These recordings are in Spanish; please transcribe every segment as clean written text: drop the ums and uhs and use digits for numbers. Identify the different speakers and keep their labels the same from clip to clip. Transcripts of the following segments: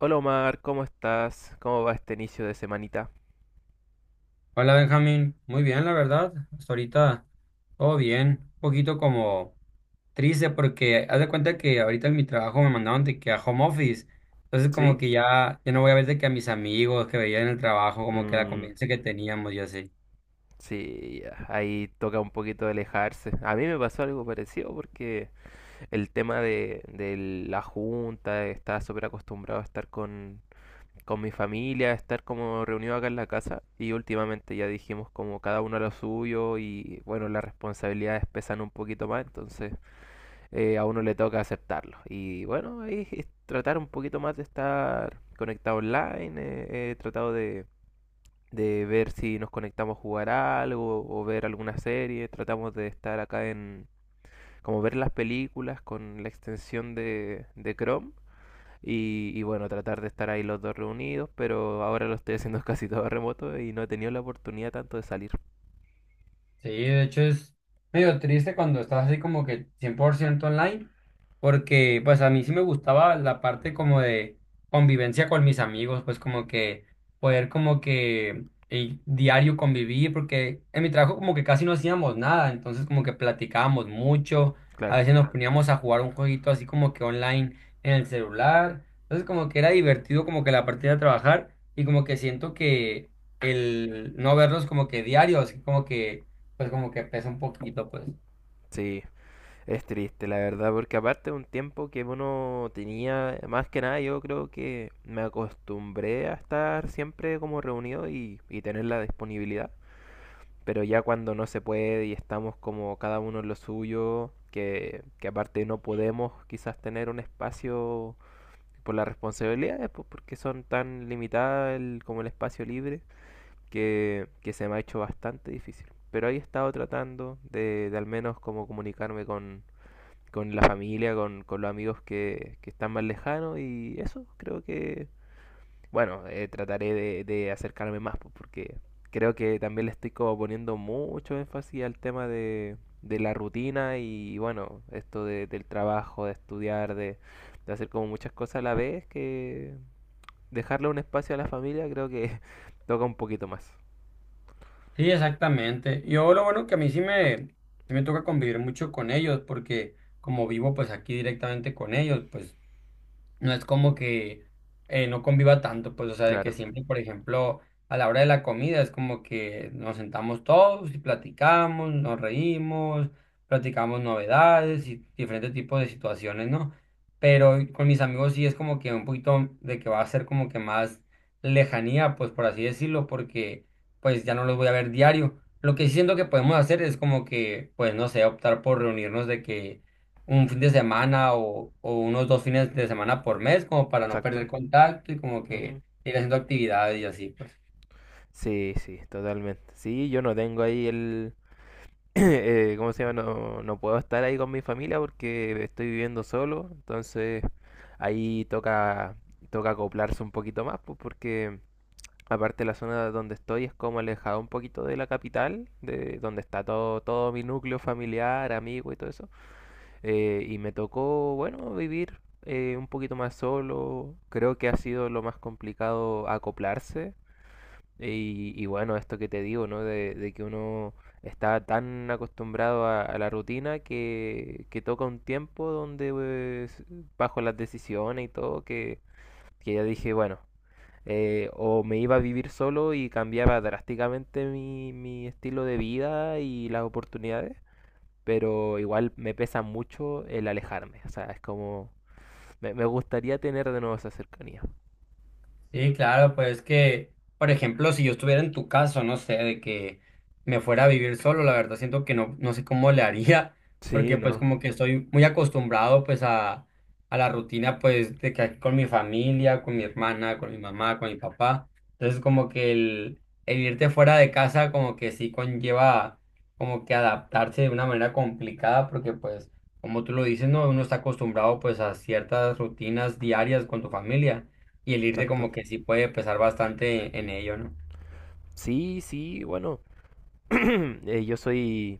Speaker 1: Hola Omar, ¿cómo estás? ¿Cómo va este inicio de semanita?
Speaker 2: Hola Benjamín, muy bien la verdad, hasta ahorita todo bien, un poquito como triste porque haz de cuenta que ahorita en mi trabajo me mandaron de que a home office. Entonces como
Speaker 1: ¿Sí?
Speaker 2: que ya no voy a ver de que a mis amigos que veía en el trabajo, como que la
Speaker 1: Mm,
Speaker 2: convivencia que teníamos y así.
Speaker 1: sí, ya, ahí toca un poquito alejarse. A mí me pasó algo parecido porque el tema de la junta, estaba súper acostumbrado a estar con mi familia, a estar como reunido acá en la casa y últimamente ya dijimos como cada uno a lo suyo y bueno, las responsabilidades pesan un poquito más, entonces a uno le toca aceptarlo. Y bueno, ahí es tratar un poquito más de estar conectado online, he tratado de ver si nos conectamos a jugar algo o ver alguna serie, tratamos de estar acá como ver las películas con la extensión de Chrome. Y bueno, tratar de estar ahí los dos reunidos, pero ahora lo estoy haciendo casi todo remoto y no he tenido la oportunidad tanto de salir.
Speaker 2: Sí, de hecho es medio triste cuando estás así como que 100% online, porque pues a mí sí me gustaba la parte como de convivencia con mis amigos, pues como que poder como que diario convivir, porque en mi trabajo como que casi no hacíamos nada, entonces como que platicábamos mucho. A
Speaker 1: Claro,
Speaker 2: veces nos poníamos a jugar un jueguito así como que online en el celular, entonces como que era divertido como que la parte de trabajar y como que siento que el no verlos como que diarios, como que pues como que pesa un poquito, pues.
Speaker 1: sí. Es triste, la verdad, porque aparte de un tiempo que uno tenía, más que nada yo creo que me acostumbré a estar siempre como reunido y tener la disponibilidad. Pero ya cuando no se puede y estamos como cada uno en lo suyo, que aparte no podemos quizás tener un espacio por las responsabilidades, pues, porque son tan limitadas como el espacio libre, que se me ha hecho bastante difícil. Pero ahí he estado tratando de al menos como comunicarme con la familia, con los amigos que están más lejanos y eso creo que, bueno, trataré de acercarme más pues, porque creo que también le estoy como poniendo mucho énfasis al tema de la rutina y bueno, esto del trabajo, de estudiar, de hacer como muchas cosas a la vez, que dejarle un espacio a la familia creo que toca un poquito más.
Speaker 2: Sí, exactamente. Yo lo bueno que a sí me toca convivir mucho con ellos, porque como vivo pues aquí directamente con ellos, pues no es como que no conviva tanto, pues, o sea, de que
Speaker 1: Claro,
Speaker 2: siempre, por ejemplo, a la hora de la comida es como que nos sentamos todos y platicamos, nos reímos, platicamos novedades y diferentes tipos de situaciones, ¿no? Pero con mis amigos sí es como que un poquito de que va a ser como que más lejanía, pues, por así decirlo, porque pues ya no los voy a ver diario. Lo que sí siento que podemos hacer es como que, pues, no sé, optar por reunirnos de que un fin de semana o unos dos fines de semana por mes, como para no perder
Speaker 1: exacto.
Speaker 2: contacto y como
Speaker 1: Ujú.
Speaker 2: que ir haciendo actividades y así, pues.
Speaker 1: Sí, sí, totalmente. Sí, yo no tengo ahí ¿cómo se llama? No, no puedo estar ahí con mi familia porque estoy viviendo solo, entonces ahí toca, toca acoplarse un poquito más, pues porque aparte la zona donde estoy es como alejada un poquito de la capital, de donde está todo, todo mi núcleo familiar, amigo y todo eso, y me tocó, bueno, vivir un poquito más solo, creo que ha sido lo más complicado acoplarse y bueno, esto que te digo, ¿no? De que uno está tan acostumbrado a la rutina que toca un tiempo donde pues, bajo las decisiones y todo, que ya dije, bueno, o me iba a vivir solo y cambiaba drásticamente mi estilo de vida y las oportunidades, pero igual me pesa mucho el alejarme, o sea, es como, me gustaría tener de nuevo esa cercanía.
Speaker 2: Sí, claro, pues que, por ejemplo, si yo estuviera en tu caso, no sé, de que me fuera a vivir solo, la verdad siento que no, no sé cómo le haría,
Speaker 1: Sí,
Speaker 2: porque pues
Speaker 1: no,
Speaker 2: como que estoy muy acostumbrado pues a la rutina pues de que aquí con mi familia, con mi hermana, con mi mamá, con mi papá. Entonces como que el irte fuera de casa como que sí conlleva como que adaptarse de una manera complicada, porque pues como tú lo dices, no, uno está acostumbrado pues a ciertas rutinas diarias con tu familia. Y el irte
Speaker 1: exacto.
Speaker 2: como que sí puede pesar bastante en ello, ¿no?
Speaker 1: Sí, sí, bueno. Eh, yo soy,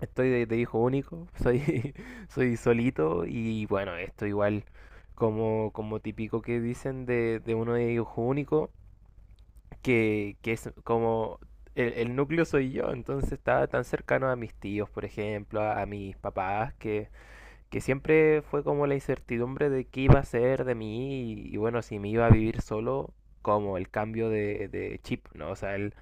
Speaker 1: estoy de hijo único, soy, soy solito y bueno, esto igual como, como típico que dicen de uno de hijo único, que es como el núcleo soy yo, entonces estaba tan cercano a mis tíos, por ejemplo, a mis papás, que siempre fue como la incertidumbre de qué iba a ser de mí y bueno, si me iba a vivir solo, como el cambio de chip, ¿no? O sea,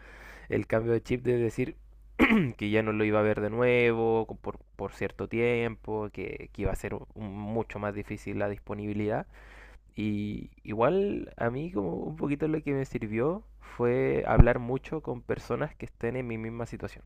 Speaker 1: el cambio de chip de decir que ya no lo iba a ver de nuevo por cierto tiempo, que iba a ser mucho más difícil la disponibilidad. Y igual a mí como un poquito lo que me sirvió fue hablar mucho con personas que estén en mi misma situación.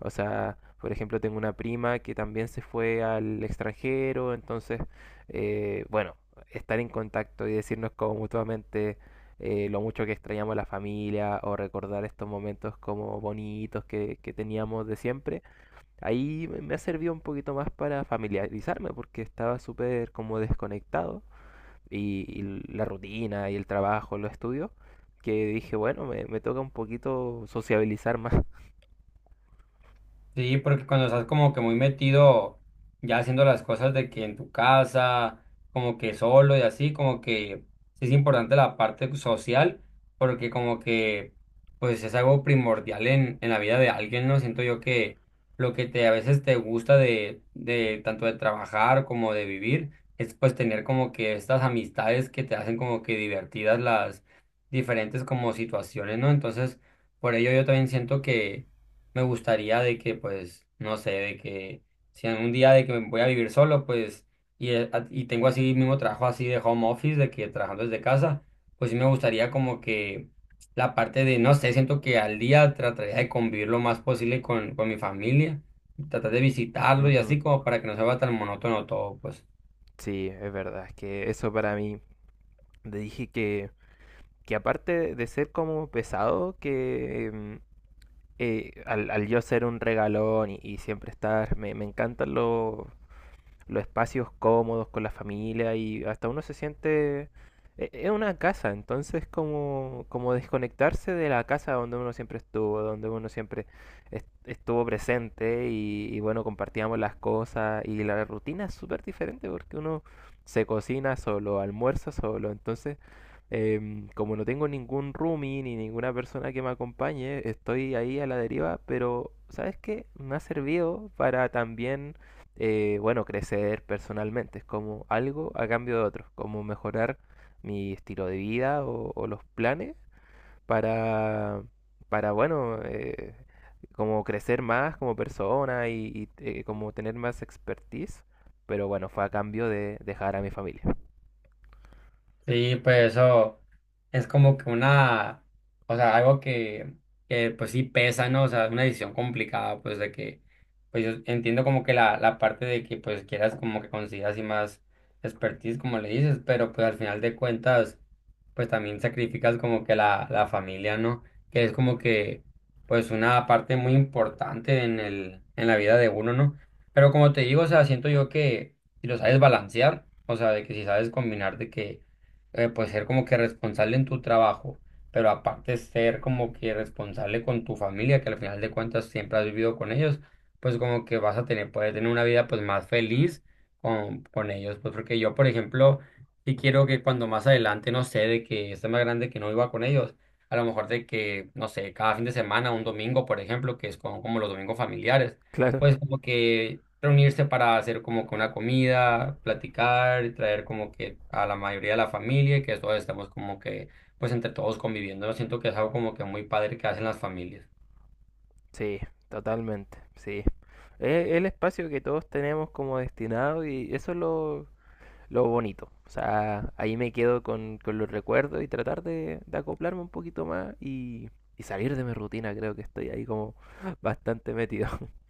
Speaker 1: O sea, por ejemplo, tengo una prima que también se fue al extranjero, entonces, bueno, estar en contacto y decirnos como mutuamente lo mucho que extrañamos a la familia o recordar estos momentos como bonitos que teníamos de siempre, ahí me ha servido un poquito más para familiarizarme porque estaba súper como desconectado y la rutina y el trabajo, los estudios, que dije, bueno, me toca un poquito sociabilizar más.
Speaker 2: Sí, porque cuando estás como que muy metido ya haciendo las cosas de que en tu casa, como que solo y así, como que sí es importante la parte social, porque como que pues es algo primordial en la vida de alguien, ¿no? Siento yo que lo que te a veces te gusta de tanto de trabajar como de vivir, es pues tener como que estas amistades que te hacen como que divertidas las diferentes como situaciones, ¿no? Entonces, por ello yo también siento que me gustaría de que, pues, no sé, de que si algún día de que me voy a vivir solo, pues, y, a- y tengo así mismo trabajo así de home office, de que trabajando desde casa, pues sí me gustaría como que la parte de, no sé, siento que al día trataría de convivir lo más posible con mi familia, tratar de visitarlo y
Speaker 1: Ujú.
Speaker 2: así como para que no se vea tan monótono todo, pues.
Speaker 1: Sí, es verdad, es que eso para mí, te dije que aparte de ser como pesado, que al yo ser un regalón y siempre estar, me encantan los espacios cómodos con la familia y hasta uno se siente... Es una casa, entonces como, como desconectarse de la casa donde uno siempre estuvo, donde uno siempre estuvo presente y bueno, compartíamos las cosas y la rutina es súper diferente porque uno se cocina solo, almuerza solo, entonces como no tengo ningún roomie ni ninguna persona que me acompañe, estoy ahí a la deriva, pero ¿sabes qué? Me ha servido para también bueno, crecer personalmente, es como algo a cambio de otro, como mejorar mi estilo de vida o los planes para, para bueno, como crecer más como persona y como tener más expertise, pero bueno, fue a cambio de dejar a mi familia.
Speaker 2: Sí, pues eso es como que una, o sea, algo que pues sí pesa, ¿no? O sea, es una decisión complicada, pues de que, pues yo entiendo como que la parte de que pues quieras como que consigas y más expertise, como le dices, pero pues al final de cuentas pues también sacrificas como que la familia, ¿no? Que es como que, pues una parte muy importante en el, en la vida de uno, ¿no? Pero como te digo, o sea, siento yo que si lo sabes balancear, o sea, de que si sabes combinar de que, pues ser como que responsable en tu trabajo, pero aparte ser como que responsable con tu familia, que al final de cuentas siempre has vivido con ellos, pues como que vas a tener, puedes tener una vida pues más feliz con ellos, pues porque yo, por ejemplo, sí quiero que cuando más adelante, no sé, de que esté más grande que no iba con ellos, a lo mejor de que, no sé, cada fin de semana, un domingo, por ejemplo, que es como, como los domingos familiares,
Speaker 1: Claro.
Speaker 2: pues como que reunirse para hacer como que una comida, platicar, y traer como que a la mayoría de la familia y que todos estemos como que, pues entre todos conviviendo. Yo siento que es algo como que muy padre que hacen las familias.
Speaker 1: Sí, totalmente, sí. Es el espacio que todos tenemos como destinado y eso es lo bonito. O sea, ahí me quedo con los recuerdos y tratar de acoplarme un poquito más y salir de mi rutina. Creo que estoy ahí como bastante metido.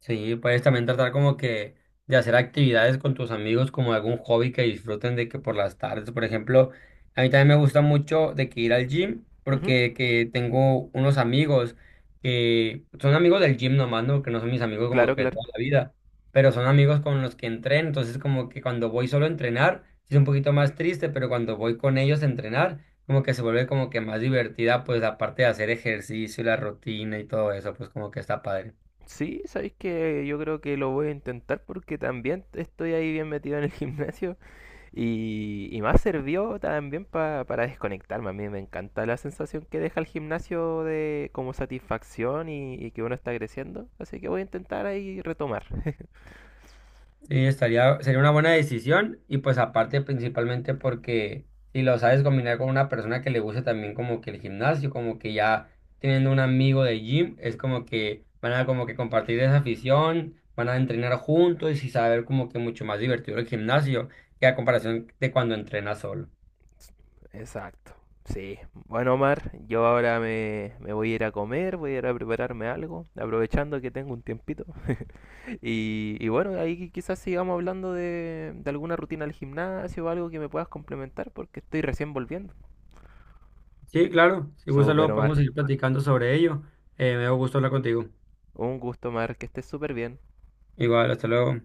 Speaker 2: Sí, puedes también tratar como que de hacer actividades con tus amigos, como algún hobby que disfruten de que por las tardes, por ejemplo, a mí también me gusta mucho de que ir al gym,
Speaker 1: Ujú,
Speaker 2: porque que tengo unos amigos que son amigos del gym nomás, ¿no? Que no son mis amigos como
Speaker 1: claro,
Speaker 2: que
Speaker 1: claro.
Speaker 2: toda la vida, pero son amigos con los que entreno, entonces como que cuando voy solo a entrenar, sí es un poquito más triste, pero cuando voy con ellos a entrenar, como que se vuelve como que más divertida, pues aparte de hacer ejercicio, y la rutina y todo eso, pues como que está padre.
Speaker 1: Sí, sabéis que yo creo que lo voy a intentar porque también estoy ahí bien metido en el gimnasio y me ha servido también para desconectarme. A mí me encanta la sensación que deja el gimnasio de como satisfacción y que uno está creciendo. Así que voy a intentar ahí retomar.
Speaker 2: Sí, estaría, sería una buena decisión y pues aparte principalmente porque si lo sabes combinar con una persona que le guste también como que el gimnasio, como que ya teniendo un amigo de gym, es como que van a como que compartir esa afición, van a entrenar juntos y saber como que mucho más divertido el gimnasio que a comparación de cuando entrenas solo.
Speaker 1: Exacto. Sí. Bueno, Omar, yo ahora me voy a ir a comer, voy a ir a prepararme algo, aprovechando que tengo un tiempito. Y bueno, ahí quizás sigamos hablando de alguna rutina al gimnasio o algo que me puedas complementar, porque estoy recién volviendo.
Speaker 2: Sí, claro, si gusta
Speaker 1: Súper,
Speaker 2: luego
Speaker 1: Omar.
Speaker 2: podemos seguir platicando sobre ello. Me dio gusto hablar contigo.
Speaker 1: Un gusto, Omar, que estés súper bien.
Speaker 2: Igual, hasta luego.